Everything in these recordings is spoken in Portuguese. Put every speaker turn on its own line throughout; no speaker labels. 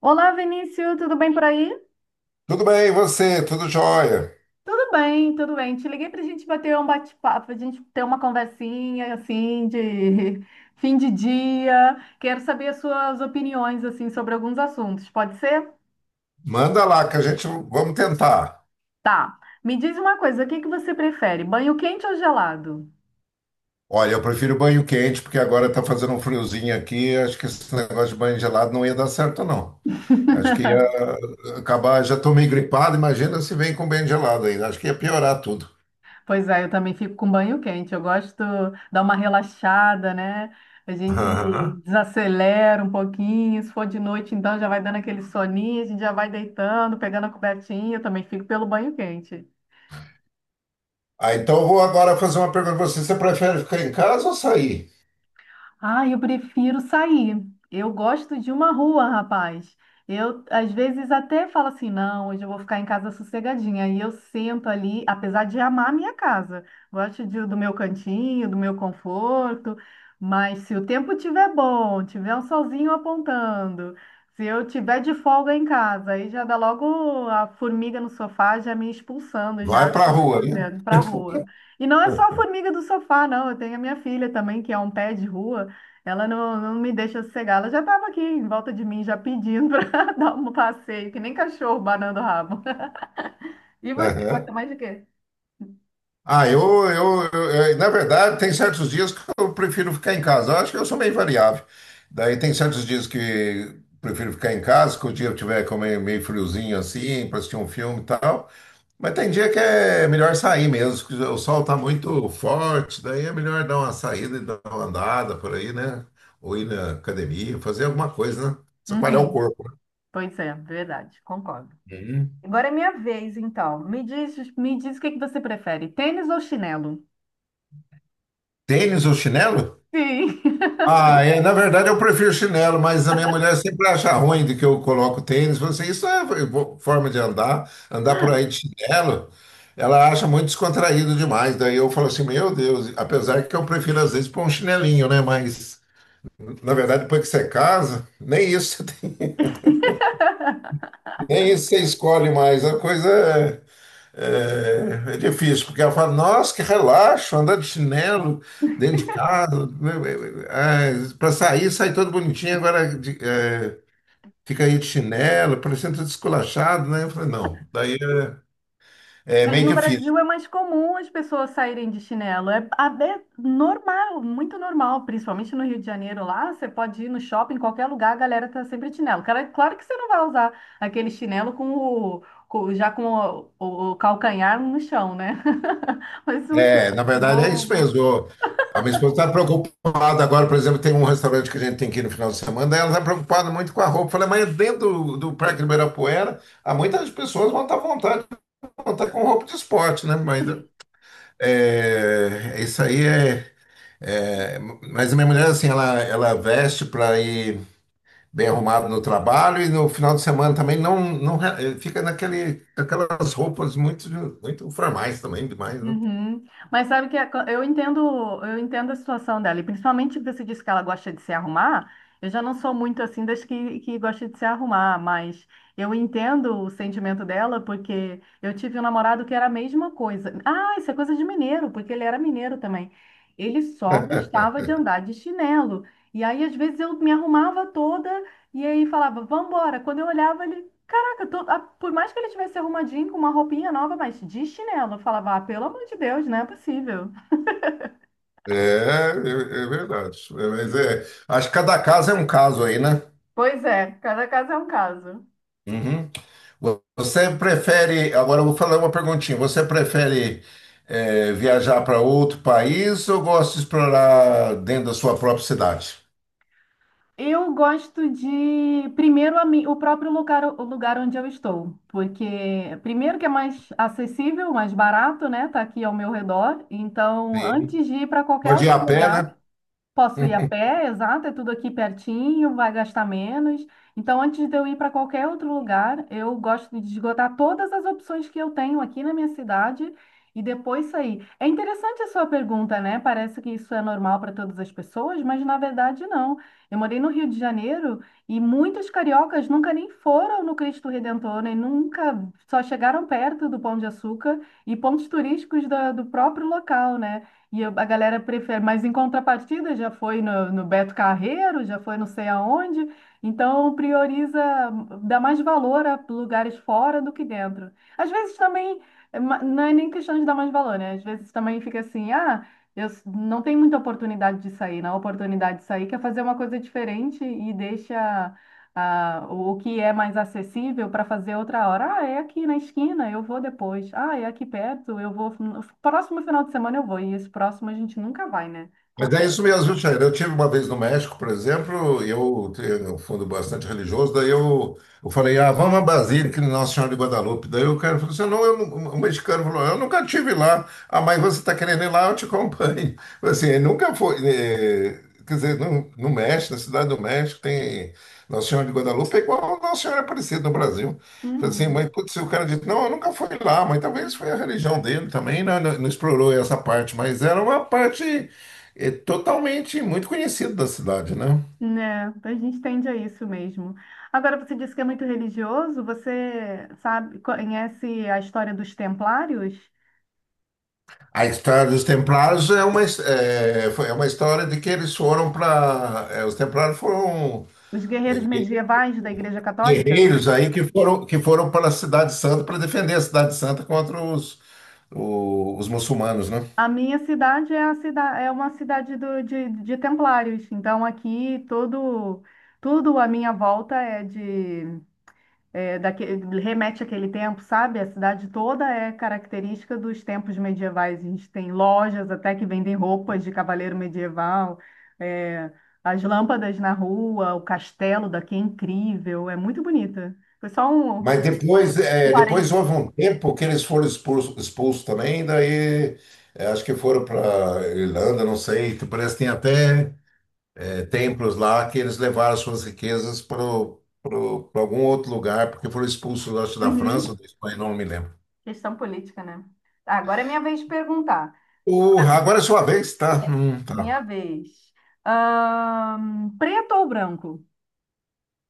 Olá, Vinícius, tudo bem por aí?
Tudo bem, e você? Tudo jóia?
Tudo bem, tudo bem. Te liguei para a gente bater um bate-papo, a gente ter uma conversinha assim de fim de dia. Quero saber as suas opiniões assim sobre alguns assuntos. Pode ser?
Manda lá que a gente vamos tentar.
Tá. Me diz uma coisa, o que que você prefere, banho quente ou gelado?
Olha, eu prefiro banho quente porque agora tá fazendo um friozinho aqui. Acho que esse negócio de banho gelado não ia dar certo, não. Acho que ia acabar. Já tô meio gripado, imagina se vem com banho gelado ainda. Acho que ia piorar tudo.
Pois é, eu também fico com banho quente. Eu gosto de dar uma relaxada, né? A gente
Aham.
desacelera um pouquinho. Se for de noite, então já vai dando aquele soninho, a gente já vai deitando, pegando a cobertinha. Eu também fico pelo banho quente.
Ah, então eu vou agora fazer uma pergunta pra você. Você prefere ficar em casa ou sair?
Ah, eu prefiro sair. Eu gosto de uma rua, rapaz. Eu, às vezes, até falo assim: não, hoje eu vou ficar em casa sossegadinha. E eu sento ali, apesar de amar a minha casa, gosto do meu cantinho, do meu conforto. Mas se o tempo tiver bom, tiver um solzinho apontando, se eu tiver de folga em casa, aí já dá logo a formiga no sofá já me expulsando, já
Vai pra rua, né?
para a rua. E não é só a formiga do sofá, não. Eu tenho a minha filha também, que é um pé de rua. Ela não, não me deixa sossegar. Ela já estava aqui em volta de mim, já pedindo para dar um passeio, que nem cachorro banando o rabo. E você gosta
Aham.
mais de quê?
Ah, na verdade, tem certos dias que eu prefiro ficar em casa. Eu acho que eu sou meio variável. Daí tem certos dias que prefiro ficar em casa, que o dia tiver como meio friozinho assim, para assistir um filme e tal. Mas tem dia que é melhor sair mesmo, que o sol tá muito forte, daí é melhor dar uma saída e dar uma andada por aí, né? Ou ir na academia, fazer alguma coisa, né? Espalhar o
Uhum.
corpo. Né?
Pois é, verdade, concordo.
Uhum.
Agora é minha vez, então. Me diz o que que você prefere, tênis ou chinelo?
Tênis ou chinelo?
Sim.
Ah, é, na verdade eu prefiro chinelo, mas a minha mulher sempre acha ruim de que eu coloco tênis. Fala assim, isso é forma de andar, andar por aí de chinelo. Ela acha muito descontraído demais. Daí eu falo assim, meu Deus, apesar que eu prefiro às vezes pôr um chinelinho, né? Mas na verdade depois que você casa, nem isso, nem isso você escolhe mais. A coisa é É, é difícil, porque ela fala, nossa, que relaxo, andar de chinelo dentro de casa, para sair, sai todo bonitinho, fica aí de chinelo, parecendo todo esculachado, né? Eu falei, não, daí é
Mas
meio
no
difícil.
Brasil é mais comum as pessoas saírem de chinelo. É, é normal, muito normal, principalmente no Rio de Janeiro lá. Você pode ir no shopping, em qualquer lugar, a galera tá sempre de chinelo. Cara, claro que você não vai usar aquele chinelo já com o calcanhar no chão, né? Mas um chinelo
É, na verdade é isso
novo.
mesmo. A minha esposa está preocupada agora, por exemplo, tem um restaurante que a gente tem que ir no final de semana, daí ela está preocupada muito com a roupa. Eu falei, mas dentro do Parque Ibirapuera, há muitas pessoas vão estar à vontade, vão estar com roupa de esporte, né? Mas é, isso aí é, é, mas a minha mulher, assim, ela veste para ir bem arrumada no trabalho e no final de semana também não fica aquelas roupas muito formais também, demais, né?
Uhum. Mas sabe que eu entendo a situação dela, e principalmente que você disse que ela gosta de se arrumar. Eu já não sou muito assim das que gosta de se arrumar, mas eu entendo o sentimento dela, porque eu tive um namorado que era a mesma coisa. Ah, isso é coisa de mineiro, porque ele era mineiro também. Ele só gostava de andar de chinelo. E aí, às vezes, eu me arrumava toda e aí falava, vambora. Quando eu olhava, ele, caraca, por mais que ele tivesse arrumadinho com uma roupinha nova, mas de chinelo, eu falava, ah, pelo amor de Deus, não é possível.
É, é, é verdade. É, mas é, acho que cada caso é um caso aí, né?
Pois é, cada caso é um caso.
Uhum. Você prefere, agora eu vou falar uma perguntinha. Você prefere viajar para outro país ou gosta de explorar dentro da sua própria cidade?
Eu gosto de, primeiro, o próprio lugar, o lugar onde eu estou, porque, primeiro, que é mais acessível, mais barato, né? Tá aqui ao meu redor. Então,
Sim.
antes de ir para qualquer
Pode ir
outro
a pé, né?
lugar. Posso ir a pé, exato, é tudo aqui pertinho, vai gastar menos. Então, antes de eu ir para qualquer outro lugar, eu gosto de esgotar todas as opções que eu tenho aqui na minha cidade e depois sair. É interessante a sua pergunta, né? Parece que isso é normal para todas as pessoas, mas na verdade não. Eu morei no Rio de Janeiro e muitos cariocas nunca nem foram no Cristo Redentor, nem nunca só chegaram perto do Pão de Açúcar e pontos turísticos do próprio local, né? A galera prefere, mas em contrapartida já foi no Beto Carreiro, já foi não sei aonde, então prioriza, dá mais valor a lugares fora do que dentro. Às vezes também, não é nem questão de dar mais valor, né? Às vezes também fica assim, ah, não tem muita oportunidade de sair, não. A oportunidade de sair quer fazer uma coisa diferente e deixa o que é mais acessível para fazer outra hora. Ah, é aqui na esquina, eu vou depois. Ah, é aqui perto, eu vou. No próximo final de semana eu vou. E esse próximo a gente nunca vai, né?
Mas é isso
Acontece.
mesmo, viu, Chaira? Eu tive uma vez no México, por exemplo, eu tenho um fundo bastante religioso, eu falei, ah, vamos a Basílica de Nossa Senhora de Guadalupe. Daí o cara falou assim, não, eu, não- o mexicano falou, eu nunca tive lá. Ah, mas você está querendo ir lá, eu te acompanho. Assim, ele nunca foi, quer dizer, no México, na Cidade do México, tem Nossa Senhora de Guadalupe, é igual a Nossa Senhora Aparecida no Brasil. Falei assim,
Uhum.
mas putz, o cara disse, não, eu nunca fui lá, mas talvez foi a religião dele também, né? Não, não explorou essa parte, mas era uma parte é totalmente muito conhecido da cidade, né?
Né, a gente tende a isso mesmo. Agora, você disse que é muito religioso, você sabe, conhece a história dos templários,
A história dos Templários é uma, his- é, foi- é uma história de que eles foram para. Os Templários foram
os
é,
guerreiros
gue-
medievais da Igreja Católica?
guerreiros aí que foram para a Cidade Santa para defender a Cidade Santa contra os muçulmanos, né?
A minha cidade é uma cidade de templários, então aqui tudo à minha volta é daque- remete àquele tempo, sabe? A cidade toda é característica dos tempos medievais. A gente tem lojas até que vendem roupas de cavaleiro medieval, é, as lâmpadas na rua, o castelo daqui é incrível, é muito bonita. Foi só um, um
Mas depois,
um
é, depois
parênteses.
houve um tempo que eles foram expulsos também, daí é, acho que foram para Irlanda, não sei, que parece que tem até templos lá que eles levaram suas riquezas para algum outro lugar, porque foram expulsos eu acho, da França,
Uhum.
da Espanha, não me lembro.
Questão política, né? Agora é minha vez de perguntar.
O, agora é sua vez, tá?
É,
Tá.
Minha vez. Preto ou branco?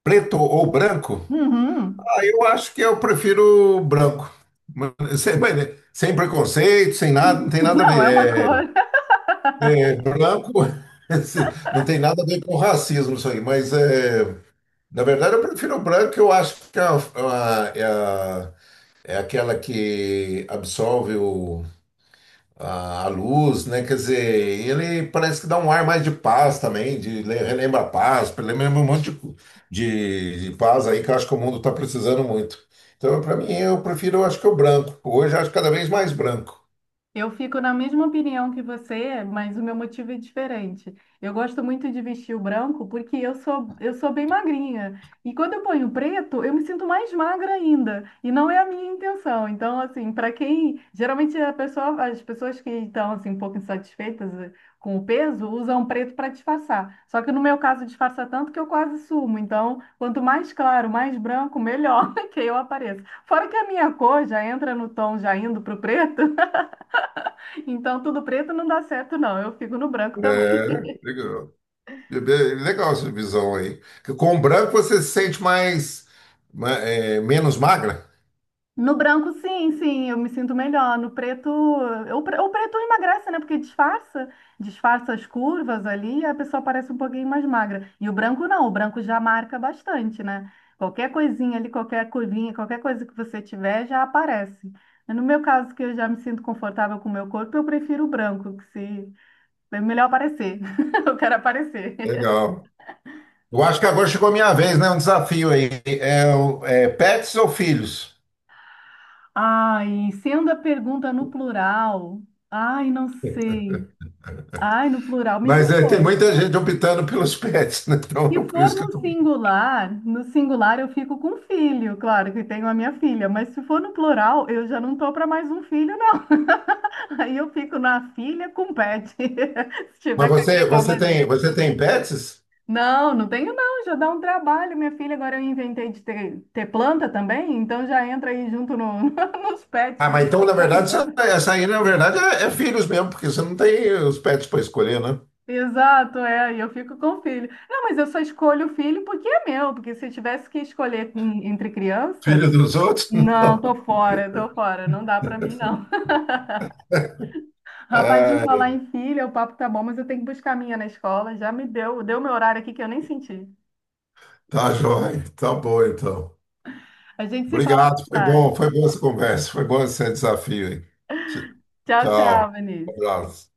Preto ou branco?
Uhum.
Ah, eu acho que eu prefiro branco. Mas, sem, mas, né, sem preconceito, sem nada, não tem nada a
Não, é uma cor.
ver. Branco não tem nada a ver com racismo isso aí, mas é, na verdade eu prefiro o branco, eu acho que é aquela que absolve A a luz, né? Quer dizer, ele parece que dá um ar mais de paz também, relembra a paz, relembra um monte de paz aí que eu acho que o mundo está precisando muito. Então, para mim, eu prefiro, eu acho que o branco. Hoje, eu acho cada vez mais branco.
Eu fico na mesma opinião que você, mas o meu motivo é diferente. Eu gosto muito de vestir o branco porque eu sou bem magrinha. E quando eu ponho preto, eu me sinto mais magra ainda. E não é a minha intenção. Então, assim, para quem. Geralmente a pessoa, as pessoas que estão assim, um pouco insatisfeitas com o peso usam preto para disfarçar. Só que no meu caso, disfarça tanto que eu quase sumo. Então, quanto mais claro, mais branco, melhor que eu apareço. Fora que a minha cor já entra no tom já indo para o preto. Então, tudo preto não dá certo, não. Eu fico no branco também.
É, legal. Legal essa visão aí. Que com o branco você se sente menos magra.
No branco, sim, sim, eu me sinto melhor. No preto, o preto emagrece, né? Porque disfarça as curvas ali e a pessoa parece um pouquinho mais magra. E o branco não, o branco já marca bastante, né? Qualquer coisinha ali, qualquer curvinha, qualquer coisa que você tiver já aparece. No meu caso, que eu já me sinto confortável com o meu corpo, eu prefiro o branco, que se é melhor aparecer. Eu quero aparecer.
Legal. Eu acho que agora chegou a minha vez, né? Um desafio aí. Pets ou filhos?
Ai, sendo a pergunta no plural, ai, não sei. Ai, no plural me
Mas é, tem
pegou.
muita gente optando pelos pets, né? Então, é
Se
por
for
isso que
no
eu tô.
singular, no singular eu fico com filho, claro que tenho a minha filha, mas se for no plural, eu já não tô para mais um filho, não. Aí eu fico na filha com pet, se
Mas
tiver que agregar mais um.
você tem pets?
Não, não tenho não, já dá um trabalho, minha filha. Agora eu inventei de ter planta também, então já entra aí junto no, nos pets,
Ah,
porque a
mas
gente
então,
tem
na
que estar
verdade,
cuidando.
essa aí, na verdade, é filhos mesmo, porque você não tem os pets para escolher, né?
Exato, é, e eu fico com o filho. Não, mas eu só escolho o filho porque é meu, porque se eu tivesse que escolher entre criança,
Filho dos outros?
não,
Não.
tô fora, não dá pra mim não. Rapaz, em falar
É,
em filho, o papo tá bom, mas eu tenho que buscar a minha na escola, já me deu meu horário aqui que eu nem senti.
tá joia. Tá bom, então.
A gente se fala mais
Obrigado, foi
tarde.
bom, foi boa essa conversa, foi bom esse desafio aí. Tch-
Tchau,
Tchau.
tchau,
Um
Vinícius.
abraço.